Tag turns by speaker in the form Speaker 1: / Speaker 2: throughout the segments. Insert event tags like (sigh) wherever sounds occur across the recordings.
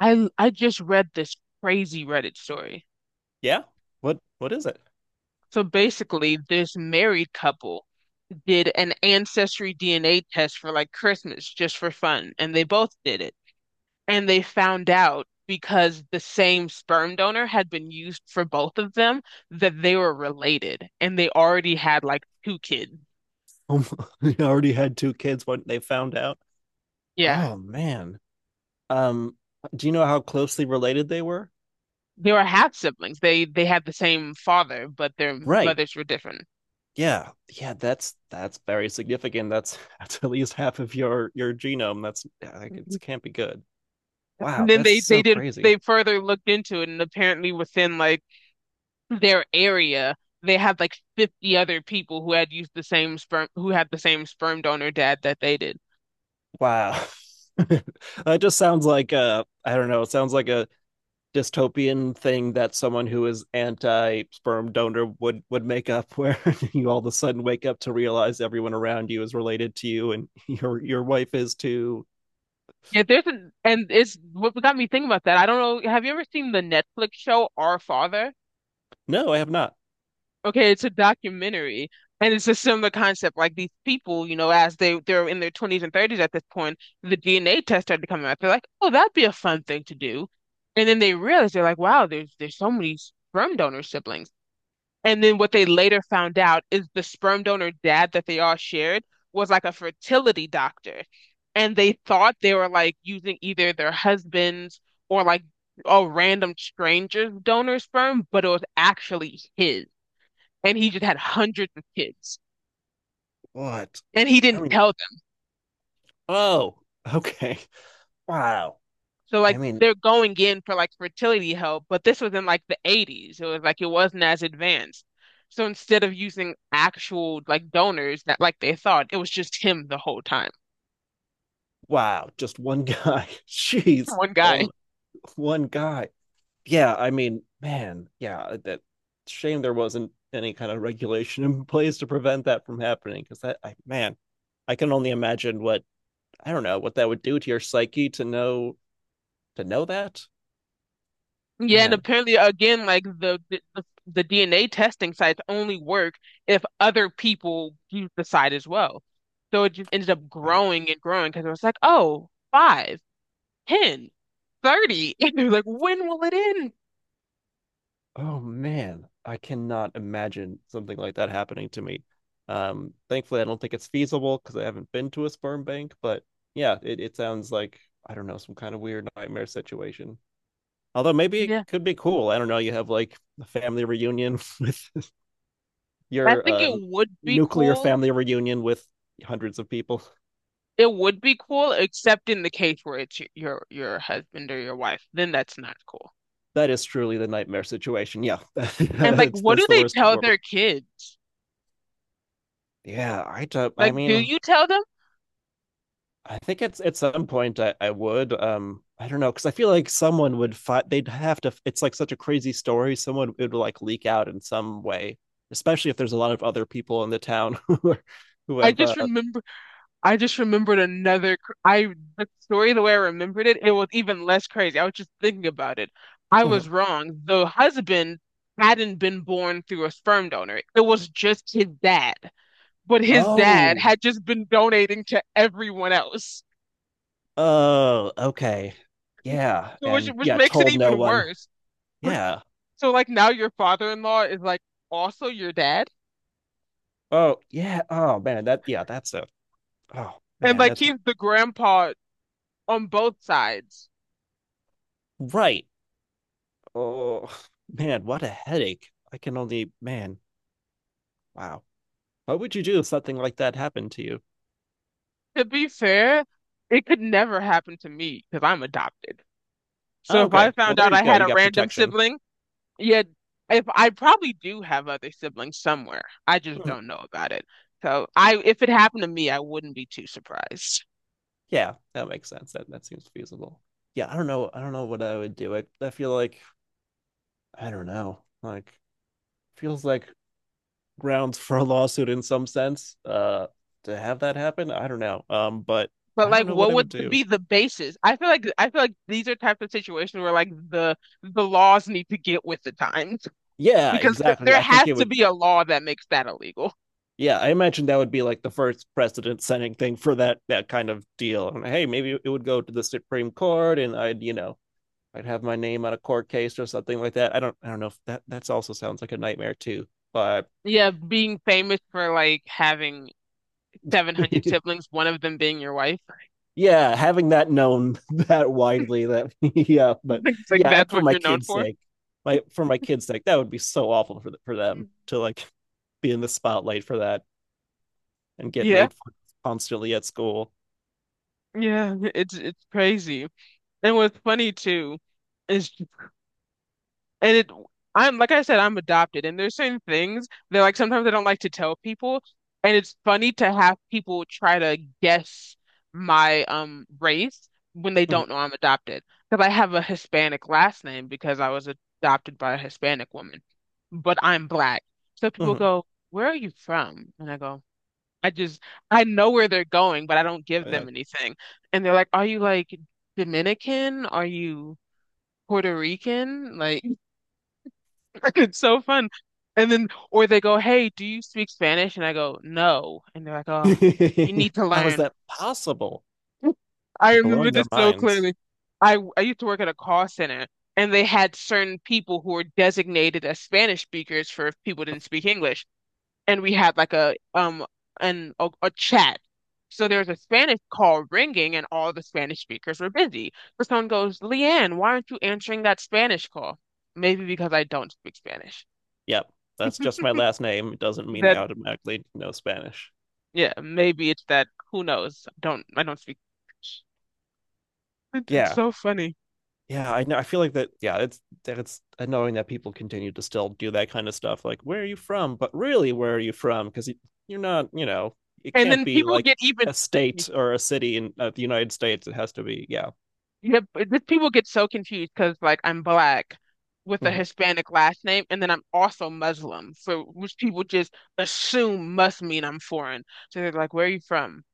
Speaker 1: I just read this crazy Reddit story.
Speaker 2: Yeah. What is it?
Speaker 1: So basically, this married couple did an ancestry DNA test for like Christmas just for fun, and they both did it. And they found out because the same sperm donor had been used for both of them that they were related and they already had like two kids.
Speaker 2: Oh, (laughs) they already had two kids when they found out.
Speaker 1: Yeah.
Speaker 2: Oh man. Um, do you know how closely related they were?
Speaker 1: They were half siblings. They had the same father, but their
Speaker 2: Right.
Speaker 1: mothers were different.
Speaker 2: Yeah. Yeah, that's very significant. That's (laughs) that's at least half of your genome. That's yeah, like it can't be good.
Speaker 1: And
Speaker 2: Wow,
Speaker 1: then
Speaker 2: that's
Speaker 1: they they
Speaker 2: so
Speaker 1: did
Speaker 2: crazy.
Speaker 1: they further looked into it and apparently within like their area, they had like 50 other people who had used the same sperm, who had the same sperm donor dad that they did.
Speaker 2: Wow. (laughs) That just sounds like I don't know, it sounds like a dystopian thing that someone who is anti sperm donor would make up (laughs) where you all of a sudden wake up to realize everyone around you is related to you and (laughs) your wife is too.
Speaker 1: Yeah, and it's what got me thinking about that. I don't know. Have you ever seen the Netflix show Our Father?
Speaker 2: No, I have not.
Speaker 1: Okay, it's a documentary, and it's a similar concept. Like these people, you know, as they're in their 20s and 30s at this point, the DNA test started coming out. They're like, oh, that'd be a fun thing to do, and then they realize they're like, wow, there's so many sperm donor siblings. And then what they later found out is the sperm donor dad that they all shared was like a fertility doctor. And they thought they were like using either their husband's or like a random stranger's donor sperm, but it was actually his. And he just had hundreds of kids.
Speaker 2: What?
Speaker 1: And he
Speaker 2: I
Speaker 1: didn't
Speaker 2: mean.
Speaker 1: tell them.
Speaker 2: Oh. Okay. Wow.
Speaker 1: So
Speaker 2: I
Speaker 1: like
Speaker 2: mean,
Speaker 1: they're going in for like fertility help, but this was in like the 80s. It was like it wasn't as advanced. So instead of using actual like donors that like they thought, it was just him the whole time.
Speaker 2: wow, just one (laughs) guy. Jeez,
Speaker 1: One guy.
Speaker 2: one guy. Yeah, I mean, man. Yeah, that shame there wasn't any kind of regulation in (laughs) place to prevent that from happening because that, I man, I can only imagine what I don't know what that would do to your psyche to know that.
Speaker 1: Yeah, and
Speaker 2: Man,
Speaker 1: apparently again, like the DNA testing sites only work if other people use the site as well. So it just ended up
Speaker 2: right.
Speaker 1: growing and growing because it was like, oh, five, ten, 30. (laughs) And they're like, when will it end?
Speaker 2: Oh man, I cannot imagine something like that happening to me. Thankfully, I don't think it's feasible because I haven't been to a sperm bank. But yeah, it sounds like I don't know, some kind of weird nightmare situation. Although maybe it
Speaker 1: Yeah.
Speaker 2: could be cool. I don't know. You have like a family reunion with (laughs)
Speaker 1: I
Speaker 2: your
Speaker 1: think it would be
Speaker 2: nuclear
Speaker 1: cool.
Speaker 2: family reunion with hundreds of people.
Speaker 1: It would be cool, except in the case where it's your husband or your wife. Then that's not cool.
Speaker 2: That is truly the nightmare situation. Yeah, (laughs)
Speaker 1: And like,
Speaker 2: that's
Speaker 1: what do
Speaker 2: that's the
Speaker 1: they
Speaker 2: worst.
Speaker 1: tell their kids?
Speaker 2: Yeah, I don't. I
Speaker 1: Like, do
Speaker 2: mean,
Speaker 1: you tell them?
Speaker 2: I think it's at some point I would. I don't know because I feel like someone would fight. They'd have to. It's like such a crazy story. Someone it would like leak out in some way, especially if there's a lot of other people in the town (laughs) who are, who
Speaker 1: I
Speaker 2: have.
Speaker 1: just remember I just remembered another. Cr- I The story the way I remembered it, it was even less crazy. I was just thinking about it. I
Speaker 2: Mhm.
Speaker 1: was wrong. The husband hadn't been born through a sperm donor. It was just his dad. But his dad
Speaker 2: Oh,
Speaker 1: had just been donating to everyone else,
Speaker 2: oh, okay, yeah,
Speaker 1: so which
Speaker 2: and
Speaker 1: which
Speaker 2: yeah,
Speaker 1: makes it
Speaker 2: told no
Speaker 1: even
Speaker 2: one.
Speaker 1: worse.
Speaker 2: Yeah.
Speaker 1: So like now your father-in-law is like also your dad,
Speaker 2: Oh, yeah. Oh man, that yeah, that's a. Oh
Speaker 1: and
Speaker 2: man,
Speaker 1: like
Speaker 2: that's
Speaker 1: he's the grandpa on both sides.
Speaker 2: right. Oh man, what a headache. I can only man. Wow. What would you do if something like that happened to you?
Speaker 1: To be fair, it could never happen to me because I'm adopted. So
Speaker 2: Oh,
Speaker 1: if I
Speaker 2: okay. Well,
Speaker 1: found
Speaker 2: there
Speaker 1: out
Speaker 2: you
Speaker 1: I
Speaker 2: go.
Speaker 1: had
Speaker 2: You
Speaker 1: a
Speaker 2: got
Speaker 1: random
Speaker 2: protection. (laughs)
Speaker 1: sibling, yeah, if I probably do have other siblings somewhere, I just don't know about it. So if it happened to me, I wouldn't be too surprised.
Speaker 2: Yeah, that makes sense. That seems feasible. Yeah, I don't know. I don't know what I would do. I feel like I don't know. Like feels like grounds for a lawsuit in some sense. To have that happen, I don't know. But
Speaker 1: But
Speaker 2: I
Speaker 1: like,
Speaker 2: don't know what
Speaker 1: what
Speaker 2: I would
Speaker 1: would
Speaker 2: do.
Speaker 1: be the basis? I feel like these are types of situations where like the laws need to get with the times
Speaker 2: Yeah,
Speaker 1: because
Speaker 2: exactly.
Speaker 1: there
Speaker 2: I think
Speaker 1: has
Speaker 2: it
Speaker 1: to
Speaker 2: would.
Speaker 1: be a law that makes that illegal.
Speaker 2: Yeah, I imagine that would be like the first precedent setting thing for that kind of deal. And hey, maybe it would go to the Supreme Court, and I'd you know I'd have my name on a court case or something like that. I don't know if that's also sounds like a nightmare too. But
Speaker 1: Yeah, being famous for like having 700 siblings,
Speaker 2: (laughs)
Speaker 1: one of them being your wife.
Speaker 2: yeah, having that known (laughs) that widely that (laughs) yeah, but
Speaker 1: (laughs) It's like
Speaker 2: yeah, and
Speaker 1: that's
Speaker 2: for
Speaker 1: what
Speaker 2: my
Speaker 1: you're known
Speaker 2: kids'
Speaker 1: for.
Speaker 2: sake, that would be so awful for the, for
Speaker 1: Mm.
Speaker 2: them to like be in the spotlight for that and get
Speaker 1: Yeah.
Speaker 2: made fun of constantly at school.
Speaker 1: Yeah, (laughs) it's crazy. And what's funny too is and it I'm like I said, I'm adopted and there's certain things that like sometimes I don't like to tell people and it's funny to have people try to guess my race when they
Speaker 2: Mhm,
Speaker 1: don't know I'm adopted. Because I have a Hispanic last name because I was adopted by a Hispanic woman. But I'm black. So people
Speaker 2: mhm.
Speaker 1: go, "Where are you from?" And I go, I just I know where they're going, but I don't give them
Speaker 2: Like,
Speaker 1: anything. And they're like, "Are you like Dominican? Are you Puerto Rican?" Like (laughs) it's so fun. And then or they go, "Hey, do you speak Spanish?" And I go, "No." And they're like, "Oh, you need
Speaker 2: (laughs)
Speaker 1: to
Speaker 2: how is
Speaker 1: learn."
Speaker 2: that possible?
Speaker 1: (laughs) I
Speaker 2: They are
Speaker 1: remember
Speaker 2: blowing their
Speaker 1: this so
Speaker 2: minds.
Speaker 1: clearly. I used to work at a call center and they had certain people who were designated as Spanish speakers for if people didn't speak English. And we had like a chat. So there's a Spanish call ringing, and all the Spanish speakers were busy. So someone goes, "Leanne, why aren't you answering that Spanish call?" Maybe because I don't speak Spanish.
Speaker 2: Yep, that's just my last name. It doesn't mean I
Speaker 1: That
Speaker 2: automatically know Spanish.
Speaker 1: Yeah, maybe it's that. Who knows? I don't speak Spanish. It's
Speaker 2: Yeah,
Speaker 1: so funny.
Speaker 2: yeah, I know. I feel like that. Yeah, it's that it's annoying that people continue to still do that kind of stuff. Like, where are you from? But really, where are you from? Because you're not. You know, it
Speaker 1: And
Speaker 2: can't
Speaker 1: then
Speaker 2: be
Speaker 1: people
Speaker 2: like
Speaker 1: get even.
Speaker 2: a state or a city in the United States. It has to be. Yeah,
Speaker 1: Yeah, but this people get so confused because like I'm black with a
Speaker 2: hmm,
Speaker 1: Hispanic last name, and then I'm also Muslim, so which people just assume must mean I'm foreign. So they're like, "Where are you from?"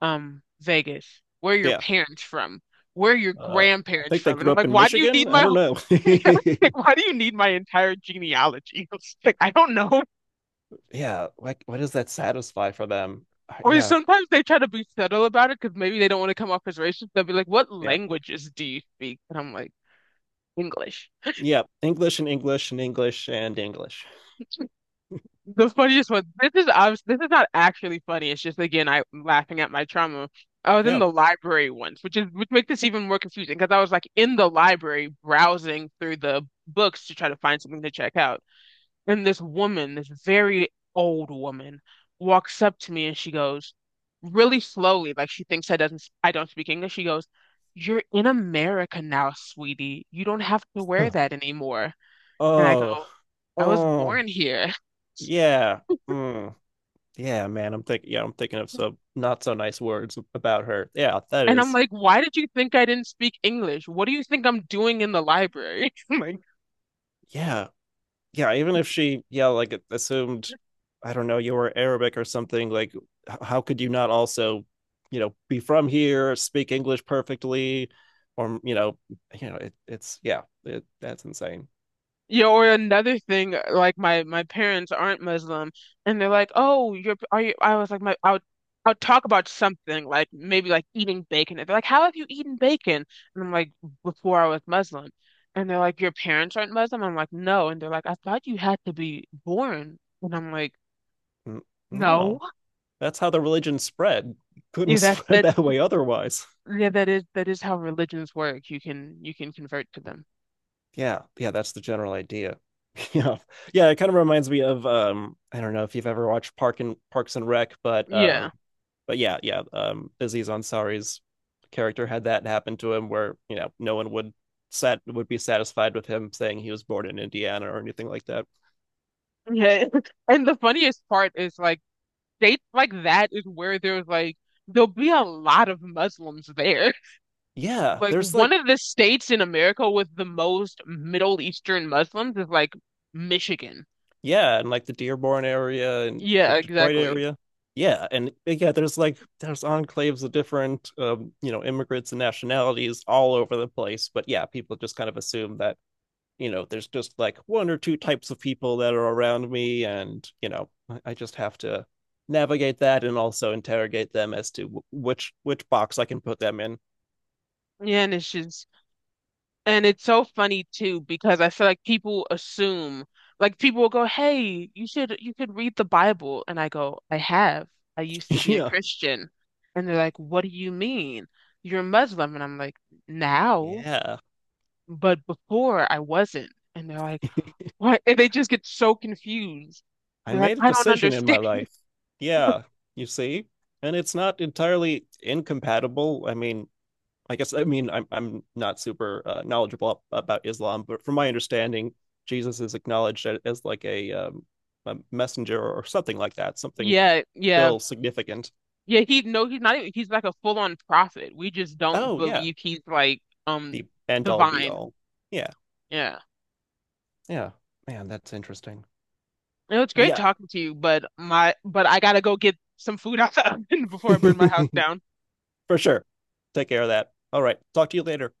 Speaker 1: Vegas. Where are your
Speaker 2: yeah.
Speaker 1: parents from? Where are your
Speaker 2: Uh, I
Speaker 1: grandparents
Speaker 2: think they
Speaker 1: from? And
Speaker 2: grew
Speaker 1: I'm
Speaker 2: up
Speaker 1: like,
Speaker 2: in
Speaker 1: "Why do you need
Speaker 2: Michigan. I
Speaker 1: my
Speaker 2: don't
Speaker 1: whole-
Speaker 2: know.
Speaker 1: (laughs) Yeah, like,
Speaker 2: (laughs)
Speaker 1: why do you need my entire genealogy?" (laughs) Like, I don't know.
Speaker 2: Yeah, like what does that satisfy for them?
Speaker 1: Or
Speaker 2: Yeah,
Speaker 1: sometimes they try to be subtle about it because maybe they don't want to come off as racist. They'll be like, "What
Speaker 2: yeah,
Speaker 1: languages do you speak?" And I'm like, English.
Speaker 2: yeah. English and English and English and English.
Speaker 1: The funniest one. This is obvious. This is not actually funny. It's just again, I'm laughing at my trauma. I was in
Speaker 2: Yeah.
Speaker 1: the library once, which is which makes this even more confusing because I was like in the library browsing through the books to try to find something to check out, and this woman, this very old woman, walks up to me and she goes really slowly, like she thinks I don't speak English. She goes, "You're in America now, sweetie. You don't have to wear
Speaker 2: Huh.
Speaker 1: that anymore." And I
Speaker 2: Oh,
Speaker 1: go, "I was
Speaker 2: oh,
Speaker 1: born here." (laughs)
Speaker 2: yeah. Mm. Yeah, man, I'm thinking. Yeah, I'm thinking of some not so nice words about her. Yeah, that
Speaker 1: And I'm
Speaker 2: is.
Speaker 1: like, why did you think I didn't speak English? What do you think I'm doing in the library? (laughs) I'm like,
Speaker 2: Yeah, yeah. Even if she, yeah, like assumed, I don't know, you were Arabic or something. Like, how could you not also, you know, be from here, speak English perfectly, or you know, it's yeah, that's insane.
Speaker 1: yeah, or another thing, like my parents aren't Muslim, and they're like, "Oh, you're are you?" I was like, "My I would talk about something like maybe like eating bacon." And they're like, "How have you eaten bacon?" And I'm like, "Before I was Muslim," and they're like, "Your parents aren't Muslim?" I'm like, "No," and they're like, "I thought you had to be born," and I'm like,
Speaker 2: N-
Speaker 1: "No,
Speaker 2: No, that's how the religion spread. Couldn't (laughs)
Speaker 1: yeah, that's
Speaker 2: spread
Speaker 1: that.
Speaker 2: that way otherwise.
Speaker 1: Yeah, that is how religions work. You can convert to them."
Speaker 2: Yeah, yeah, that's the general idea. (laughs) Yeah, yeah, it kind of reminds me of I don't know if you've ever watched Parks and Rec, but
Speaker 1: Yeah.
Speaker 2: but yeah, yeah, Aziz Ansari's character had that happen to him where no one would be satisfied with him saying he was born in Indiana or anything like that.
Speaker 1: Yeah. (laughs) And the funniest part is like states like that is where there's like there'll be a lot of Muslims there. (laughs)
Speaker 2: Yeah,
Speaker 1: Like
Speaker 2: there's like
Speaker 1: one of the states in America with the most Middle Eastern Muslims is like Michigan.
Speaker 2: yeah, and like the Dearborn area and the
Speaker 1: Yeah,
Speaker 2: Detroit
Speaker 1: exactly.
Speaker 2: area. Yeah, and yeah, there's like there's enclaves of different you know, immigrants and nationalities all over the place. But yeah, people just kind of assume that, you know, there's just like one or two types of people that are around me and, you know, I just have to navigate that and also interrogate them as to which box I can put them in.
Speaker 1: Yeah, and it's just and it's so funny too because I feel like people assume like people will go, "Hey, you could read the Bible." And I go, "I have. I used to
Speaker 2: (laughs)
Speaker 1: be a
Speaker 2: Yeah.
Speaker 1: Christian." And they're like, "What do you mean? You're Muslim." And I'm like, "Now."
Speaker 2: Yeah.
Speaker 1: But before I wasn't. And they're like, what? And they just get so confused.
Speaker 2: I
Speaker 1: They're like,
Speaker 2: made a
Speaker 1: I don't
Speaker 2: decision in my
Speaker 1: understand. (laughs)
Speaker 2: life. Yeah, you see? And it's not entirely incompatible. I mean, I guess I mean I'm not super knowledgeable about Islam, but from my understanding, Jesus is acknowledged as like a messenger or something like that, something
Speaker 1: Yeah, yeah.
Speaker 2: still significant.
Speaker 1: Yeah, he no, he's not even, he's like a full-on prophet. We just don't
Speaker 2: Oh yeah,
Speaker 1: believe he's like
Speaker 2: the end all be
Speaker 1: divine.
Speaker 2: all. Yeah.
Speaker 1: Yeah.
Speaker 2: Yeah. Man, that's interesting.
Speaker 1: It was great
Speaker 2: Yeah.
Speaker 1: talking to you, but my but I gotta go get some food (laughs) out the oven (laughs) before I burn my house
Speaker 2: (laughs)
Speaker 1: down.
Speaker 2: For sure. Take care of that. All right. Talk to you later.